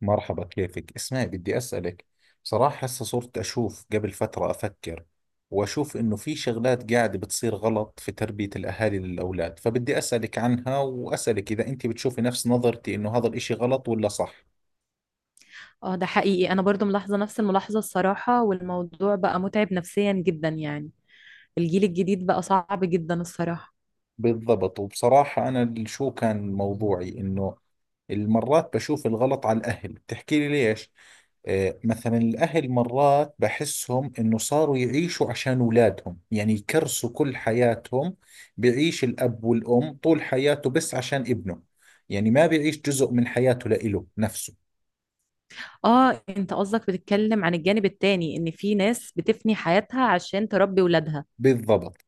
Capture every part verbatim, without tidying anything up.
مرحبا، كيفك؟ اسمعي بدي أسألك. بصراحة هسه صرت أشوف، قبل فترة أفكر وأشوف إنه في شغلات قاعدة بتصير غلط في تربية الأهالي للأولاد، فبدي أسألك عنها وأسألك إذا أنت بتشوفي نفس نظرتي إنه هذا الإشي غلط ولا صح. اه ده حقيقي، انا برضو ملاحظة نفس الملاحظة الصراحة، والموضوع بقى متعب نفسيا جدا. يعني الجيل الجديد بقى صعب جدا الصراحة. بالضبط. وبصراحة أنا ال- شو كان موضوعي؟ إنه المرات بشوف الغلط على الأهل، بتحكي لي ليش. آه، مثلا الأهل مرات بحسهم إنه صاروا يعيشوا عشان أولادهم، يعني يكرسوا كل حياتهم. بيعيش الأب والأم طول حياته بس عشان ابنه، يعني ما بيعيش جزء من حياته لإله نفسه. اه انت قصدك بتتكلم عن الجانب التاني، ان في ناس بتفني حياتها عشان تربي ولادها، بالضبط.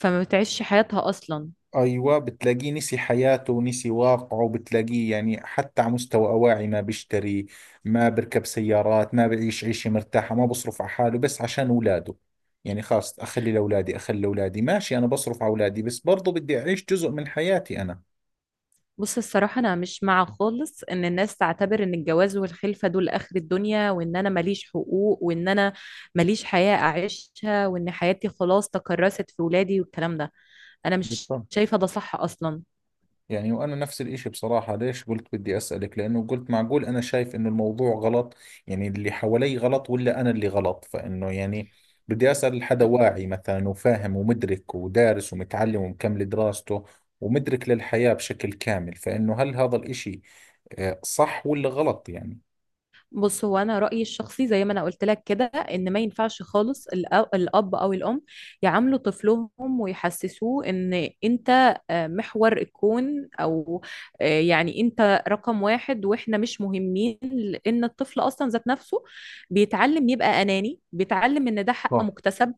فما بتعيش حياتها اصلا. أيوة، بتلاقيه نسي حياته ونسي واقعه، بتلاقيه يعني حتى على مستوى أواعي ما بيشتري، ما بركب سيارات، ما بعيش عيشة مرتاحة، ما بصرف على حاله بس عشان أولاده. يعني خلاص، أخلي لأولادي أخلي لأولادي، ماشي، أنا بصرف على أولادي بس برضو بدي أعيش جزء من حياتي أنا. بص الصراحة انا مش مع خالص ان الناس تعتبر ان الجواز والخلفة دول اخر الدنيا، وان انا ماليش حقوق، وان انا ماليش حياة اعيشها، وان حياتي خلاص تكرست في ولادي والكلام ده. انا مش بالطبع. شايفة ده صح اصلا. يعني وانا نفس الاشي، بصراحة ليش قلت بدي اسألك؟ لانه قلت معقول انا شايف انه الموضوع غلط، يعني اللي حوالي غلط ولا انا اللي غلط، فانه يعني بدي اسأل حدا واعي مثلا، وفاهم ومدرك ودارس ومتعلم ومكمل دراسته ومدرك للحياة بشكل كامل، فانه هل هذا الاشي آه، صح ولا غلط يعني. بص، هو انا رايي الشخصي زي ما انا قلت لك كده، ان ما ينفعش خالص الأ- الاب او الام يعاملوا طفلهم ويحسسوه ان انت آه، محور الكون، او آه، يعني انت رقم واحد واحنا مش مهمين. لان الطفل اصلا ذات نفسه بيتعلم يبقى اناني، بيتعلم ان ده حق صح. مكتسب،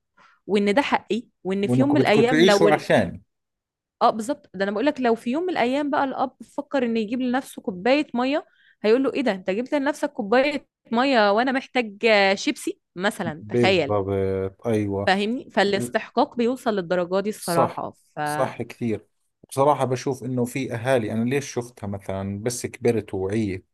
وان ده حقي، وان في يوم وانكم من بدكم الايام لو تعيشوا ال- عشاني، اه بالظبط. ده انا بقول لك، لو في يوم من الايام بقى الاب فكر ان يجيب لنفسه كوبايه ميه، هيقول له ايه ده، انت جبت لنفسك كوبايه ميه وانا محتاج آه، شيبسي مثلا؟ تخيل، بالضبط. ايوه، فاهمني؟ فالاستحقاق بيوصل للدرجه دي صح. الصراحه. فاحنا صح كثير. بصراحة بشوف إنه في أهالي، أنا ليش شفتها مثلا؟ بس كبرت ووعيت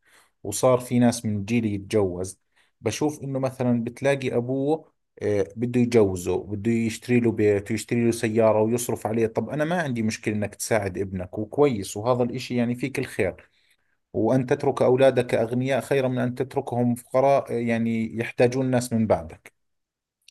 وصار في ناس من جيلي يتجوز، بشوف إنه مثلا بتلاقي أبوه آه، بده يجوزه، بده يشتري له بيت ويشتري له سيارة ويصرف عليه. طب أنا ما عندي مشكلة إنك تساعد ابنك، وكويس، وهذا الإشي يعني فيك الخير، وأن تترك أولادك أغنياء خير من أن تتركهم فقراء آه، يعني يحتاجون ناس من بعدك.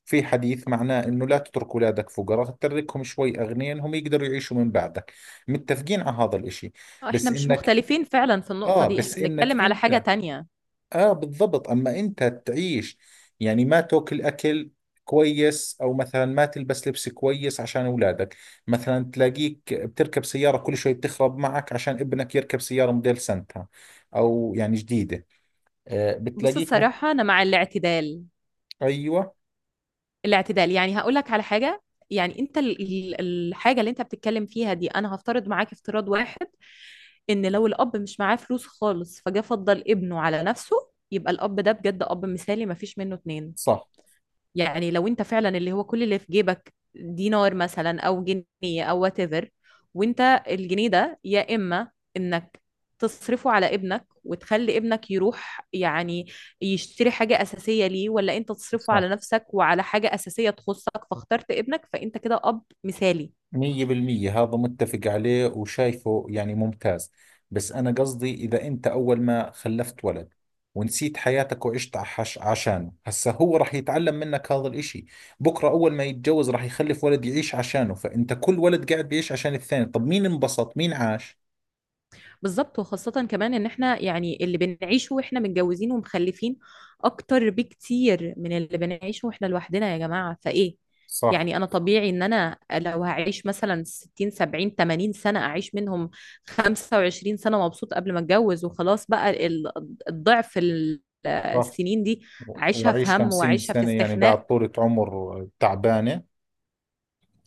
في حديث معناه انه لا تترك اولادك فقراء، تتركهم شوي اغنياء هم يقدروا يعيشوا من بعدك. متفقين على هذا الاشي، بس مش انك مختلفين فعلا في النقطه اه دي، بس احنا انك بنتكلم على حاجه انت، تانية. اه بالضبط، اما انت تعيش يعني ما تاكل اكل كويس، او مثلا ما تلبس لبس كويس عشان اولادك، مثلا تلاقيك بتركب سيارة كل شوي بتخرب معك عشان ابنك يركب سيارة موديل سنتها، او يعني جديدة. آه بص بتلاقيك مث- الصراحه انا مع الاعتدال. ايوه، الاعتدال، يعني هقول لك على حاجة. يعني انت ال- ال- الحاجة اللي انت بتتكلم فيها دي، انا هفترض معاك افتراض واحد، ان لو الاب مش معاه فلوس خالص، فجاه فضل ابنه على نفسه، يبقى الاب ده بجد اب مثالي مفيش منه اتنين. صح يعني لو انت فعلا اللي هو كل اللي في جيبك دينار مثلا او جنيه او وات ايفر، وانت الجنيه ده يا اما انك تصرفه على ابنك وتخلي ابنك يروح يعني يشتري حاجة أساسية ليه، ولا انت تصرفه صح. على نفسك وعلى حاجة أساسية تخصك، فاخترت ابنك، فانت كده أب مثالي. مية بالمية هذا متفق عليه وشايفه يعني ممتاز. بس أنا قصدي إذا أنت أول ما خلفت ولد ونسيت حياتك وعشت عش عشانه، هسا هو راح يتعلم منك هذا الإشي. بكرة أول ما يتجوز راح يخلف ولد يعيش عشانه، فأنت كل ولد قاعد بيعيش عشان الثاني، طب مين انبسط؟ مين عاش؟ بالظبط، وخاصة كمان ان احنا يعني اللي بنعيشه واحنا متجوزين ومخلفين اكتر بكتير من اللي بنعيشه واحنا لوحدنا يا جماعة، فايه؟ صح. يعني انا طبيعي ان انا لو هعيش مثلا ستين سبعين تمانين سنة، اعيش منهم خمسة وعشرين سنة مبسوط قبل ما اتجوز وخلاص، بقى ال- الضعف ال- صح، السنين دي و- اعيشها في وأعيش هم خمسين واعيشها في سنة يعني استخناء. بعد طولة عمر تعبانة.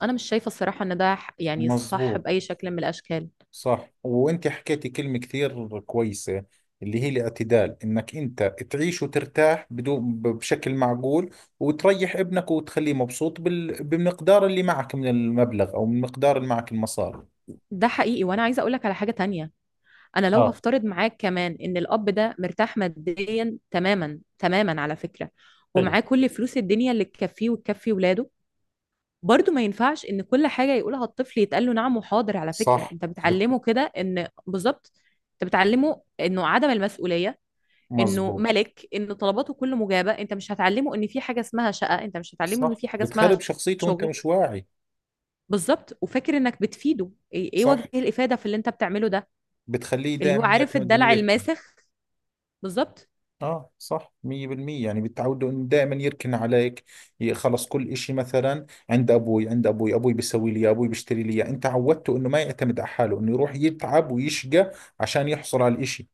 انا مش شايفة الصراحة ان ده ح- يعني صح مزبوط. بأي شكل من الاشكال. صح، وانت حكيتي كلمة كثير كويسة اللي هي الاعتدال، انك انت تعيش وترتاح بدون ب- بشكل معقول، وتريح ابنك وتخليه مبسوط بال... بمقدار اللي معك من المبلغ او من مقدار اللي معك المصاري. ده حقيقي، وانا عايزة اقولك على حاجة تانية. انا لو اه. هفترض معاك كمان ان الاب ده مرتاح ماديا تماما تماما على فكرة، حلو. ومعاه كل فلوس الدنيا اللي تكفيه وتكفي ولاده، برضه ما ينفعش ان كل حاجة يقولها الطفل يتقال له نعم وحاضر. على فكرة صح. انت بت... بتعلمه كده ان، بالظبط، انت بتعلمه انه عدم المسؤولية، انه مزبوط. ملك، ان طلباته كله مجابة. انت مش هتعلمه ان في حاجة اسمها شقة، انت مش هتعلمه ان صح، في حاجة اسمها بتخرب شخصيته وانت شغل. مش واعي. بالظبط، وفاكر انك بتفيده! ايه إيه وجه صح، الافادة في اللي انت بتعمله ده؟ بتخليه اللي هو دائما عارف يعتمد انه الدلع يركن. الماسخ. بالظبط. اه صح، مية بالمية. يعني بتعود انه دائما يركن عليك، ي- خلص كل اشي مثلا عند ابوي، عند ابوي، ابوي بيسوي لي إياه، ابوي بيشتري لي إياه. انت عودته انه ما يعتمد على حاله، انه يروح يتعب ويشقى عشان يحصل على الاشي،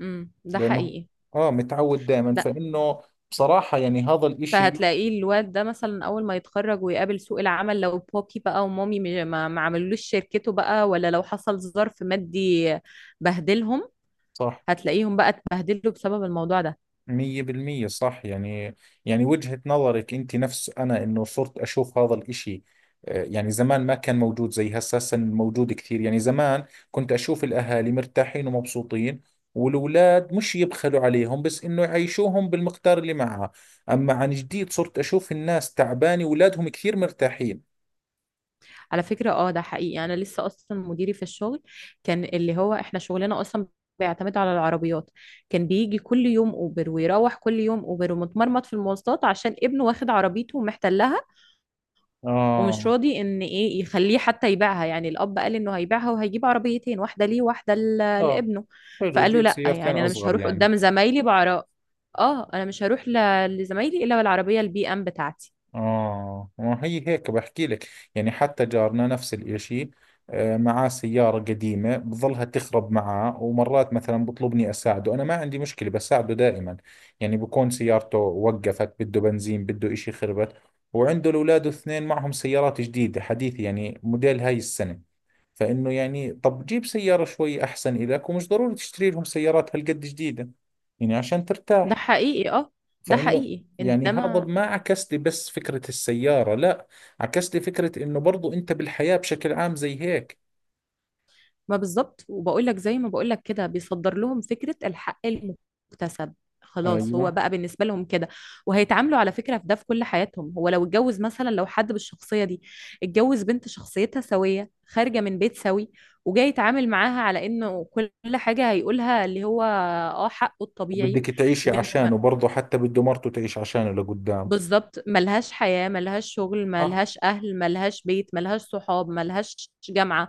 امم ده لانه حقيقي. اه متعود دائما، ده فانه بصراحة يعني هذا الاشي. فهتلاقيه الواد ده مثلا اول ما يتخرج ويقابل سوق العمل، لو بابي بقى ومامي م- ما ما عملوش شركته بقى، ولا لو حصل ظرف مادي بهدلهم، صح. هتلاقيهم بقى اتبهدلوا بسبب الموضوع ده. مية بالمية صح يعني. يعني وجهة نظرك انت نفس انا، انه صرت اشوف هذا الاشي آه، يعني زمان ما كان موجود زي هسه، هسه موجود كثير. يعني زمان كنت اشوف الاهالي مرتاحين ومبسوطين، والأولاد مش يبخلوا عليهم بس انه يعيشوهم بالمقدار اللي معها. اما عن جديد صرت اشوف الناس تعبانة واولادهم كثير مرتاحين. على فكرة اه ده حقيقي. انا لسه اصلا مديري في الشغل، كان اللي هو احنا شغلنا اصلا بيعتمد على العربيات، كان بيجي كل يوم اوبر ويروح كل يوم اوبر ومتمرمط في المواصلات عشان ابنه واخد عربيته ومحتلها، ومش اه. راضي ان ايه يخليه حتى يبيعها. يعني الاب قال انه هيبيعها وهيجيب عربيتين، واحده ليه واحده ل- اه، لابنه. حلو، فقال له جيب لا، سيارتين يعني انا مش اصغر هروح يعني. قدام زمايلي بعراء. اه انا مش هروح ل- لزمايلي الا بالعربيه البي ام بتاعتي. آه ما هي هيك بحكي لك، يعني حتى جارنا نفس الإشي. آه، معاه سيارة قديمة بظلها تخرب معاه، ومرات مثلا بطلبني أساعده، أنا ما عندي مشكلة بساعده دائما. يعني بكون سيارته وقفت، بده بنزين، بده إشي خربت، وعنده الأولاد الاثنين معهم سيارات جديدة حديثة، يعني موديل هاي السنة. فإنه يعني طب جيب سيارة شوي أحسن إلك، ومش ضروري تشتري لهم سيارات هالقد جديدة، يعني عشان ده ترتاح. حقيقي. اه ده فانه حقيقي يعني هذا انما ما عكس لي بس فكرة السيارة، لا، عكس لي فكرة انه برضو انت بالحياة بشكل عام زي هيك. ما بالظبط، وبقول لك زي ما بقول لك كده بيصدر لهم فكرة الحق المكتسب. خلاص هو ايوه. بقى بالنسبة لهم كده، وهيتعاملوا على فكرة في ده في كل حياتهم. هو لو اتجوز مثلا، لو حد بالشخصية دي اتجوز بنت شخصيتها سوية خارجة من بيت سوي، وجاي يتعامل معاها على انه كل حاجة هيقولها اللي هو اه حقه الطبيعي، وبدك تعيشي وان ما- عشانه برضو، حتى بده مرته تعيش عشانه لقدام. بالظبط، ملهاش حياة، ملهاش شغل، صح. ملهاش اهل، ملهاش بيت، ملهاش صحاب، ملهاش جامعة.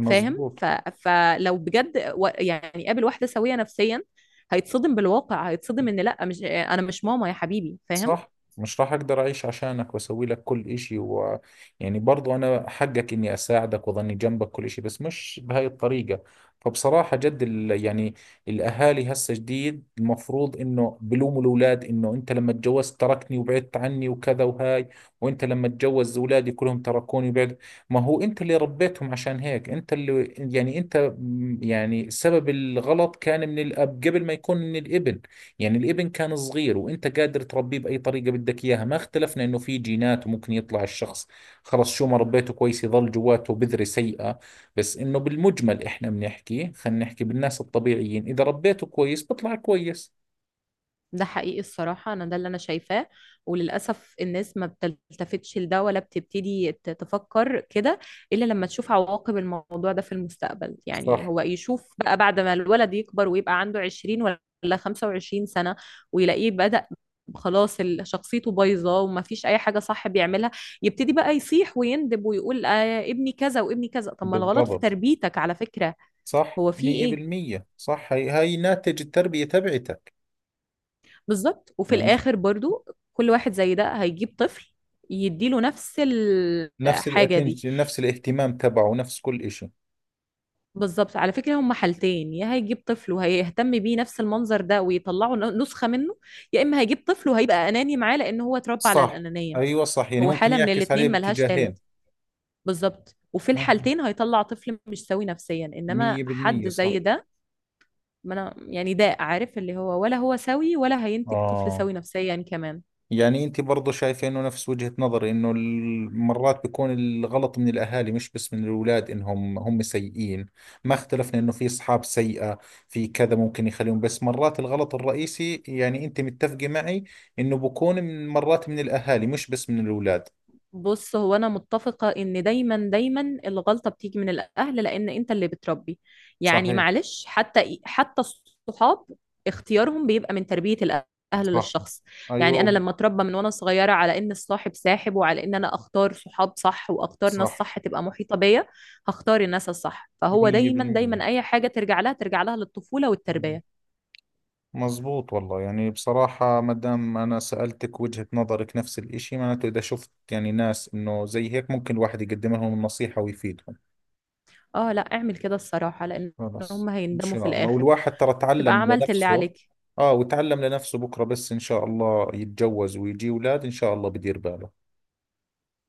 فاهم؟ ف... فلو بجد و- يعني قابل واحدة سوية نفسيا، هيتصدم بالواقع، هيتصدم ان لا، مش، انا مش ماما يا حبيبي، فاهم؟ صح، مش راح اقدر اعيش عشانك واسوي لك كل اشي، و يعني برضو انا حقك اني اساعدك واظني جنبك كل اشي، بس مش بهاي الطريقة. فبصراحة جد ال... يعني الاهالي هسه جديد المفروض انه بلوموا الاولاد، انه انت لما تجوزت تركني وبعدت عني وكذا وهاي، وانت لما تجوز اولادي كلهم تركوني وبعد. ما هو انت اللي ربيتهم عشان هيك، انت اللي يعني انت م- يعني سبب الغلط كان من الاب قبل ما يكون من الابن. يعني الابن كان صغير وانت قادر تربيه باي طريقه بدك اياها. ما اختلفنا انه في جينات وممكن يطلع الشخص خلص شو ما ربيته كويس يظل جواته بذرة سيئة، بس انه بالمجمل احنا بنحكي، خلينا نحكي بالناس الطبيعيين، اذا ربيته كويس بطلع كويس. ده حقيقي الصراحة، أنا ده اللي أنا شايفاه. وللأسف الناس ما بتلتفتش لده، ولا بتبتدي ت- تفكر كده إلا لما تشوف عواقب الموضوع ده في المستقبل. يعني صح. هو يشوف بقى بعد ما الولد يكبر ويبقى عنده عشرين ولا خمسة وعشرين سنة، ويلاقيه بدأ خلاص ال- شخصيته بايظة وما فيش أي حاجة صح بيعملها، يبتدي بقى يصيح ويندب ويقول آه ابني كذا وابني كذا. طب ما الغلط في بالضبط. تربيتك على فكرة، صح هو في إيه؟ مية بالمية، صح. هاي هاي ناتج التربية تبعتك. بالظبط. وفي يعني الاخر برضو كل واحد زي ده هيجيب طفل يديله نفس نفس الحاجة دي. الاتنشن، نفس الاهتمام تبعه، نفس كل اشي. بالظبط، على فكرة هما حالتين، يا هيجيب طفل وهيهتم بيه نفس المنظر ده ويطلعه ن- نسخة منه، يا إما هيجيب طفل وهيبقى أناني معاه لأن هو اتربى على صح. الأنانية. ايوه، صح. يعني هو ممكن حالة من يعكس عليه الاتنين ملهاش باتجاهين. تالت. بالظبط، وفي مم. الحالتين هيطلع طفل مش سوي نفسيا، إنما مية حد بالمية صح. زي ده ما أنا يعني ده عارف اللي هو، ولا هو سوي ولا هينتج طفل اه. سوي نفسيا كمان. يعني انت برضو شايفه انه نفس وجهة نظري، انه ال- مرات بيكون الغلط من الاهالي مش بس من الاولاد انهم هم سيئين. ما اختلفنا انه في اصحاب سيئة، في كذا ممكن يخليهم، بس مرات الغلط الرئيسي، يعني انت متفقة معي انه بكون من مرات من الاهالي مش بس من الاولاد. بص هو انا متفقه ان دايما دايما الغلطه بتيجي من الاهل، لان انت اللي بتربي. يعني صحيح. معلش، حتى حتى الصحاب اختيارهم بيبقى من تربيه الاهل صح. للشخص. يعني انا ايوه لما اتربى من وانا صغيره على ان الصاحب ساحب، وعلى ان انا اختار صحاب صح واختار ناس صح، صح تبقى محيطه بيا، هختار الناس الصح. فهو دايما مية بالمية، دايما اي حاجه ترجع لها ترجع لها للطفوله والتربيه. مظبوط والله. يعني بصراحة ما دام أنا سألتك وجهة نظرك نفس الإشي، معناته إذا شفت يعني ناس إنه زي هيك ممكن الواحد يقدم لهم النصيحة ويفيدهم. اه، لا اعمل كده الصراحه، لان خلاص هم إن هيندموا في شاء الله، الاخر، والواحد ترى تبقى تعلم عملت اللي لنفسه. عليك. آه، وتعلم لنفسه بكرة، بس إن شاء الله يتجوز ويجي أولاد، إن شاء الله بدير باله.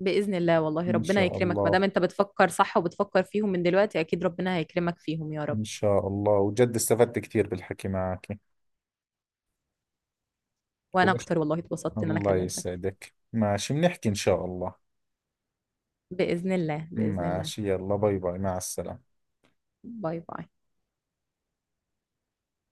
بإذن الله، والله إن ربنا شاء يكرمك، ما الله. دام انت بتفكر صح وبتفكر فيهم من دلوقتي اكيد ربنا هيكرمك فيهم يا رب. إن شاء الله، وجد استفدت كثير بالحكي معك. وانا وبش... اكتر، والله اتبسطت ان انا الله كلمتك. يسعدك، ماشي بنحكي إن شاء الله. بإذن الله بإذن الله. ماشي، يلا باي باي، مع السلامة. باي باي.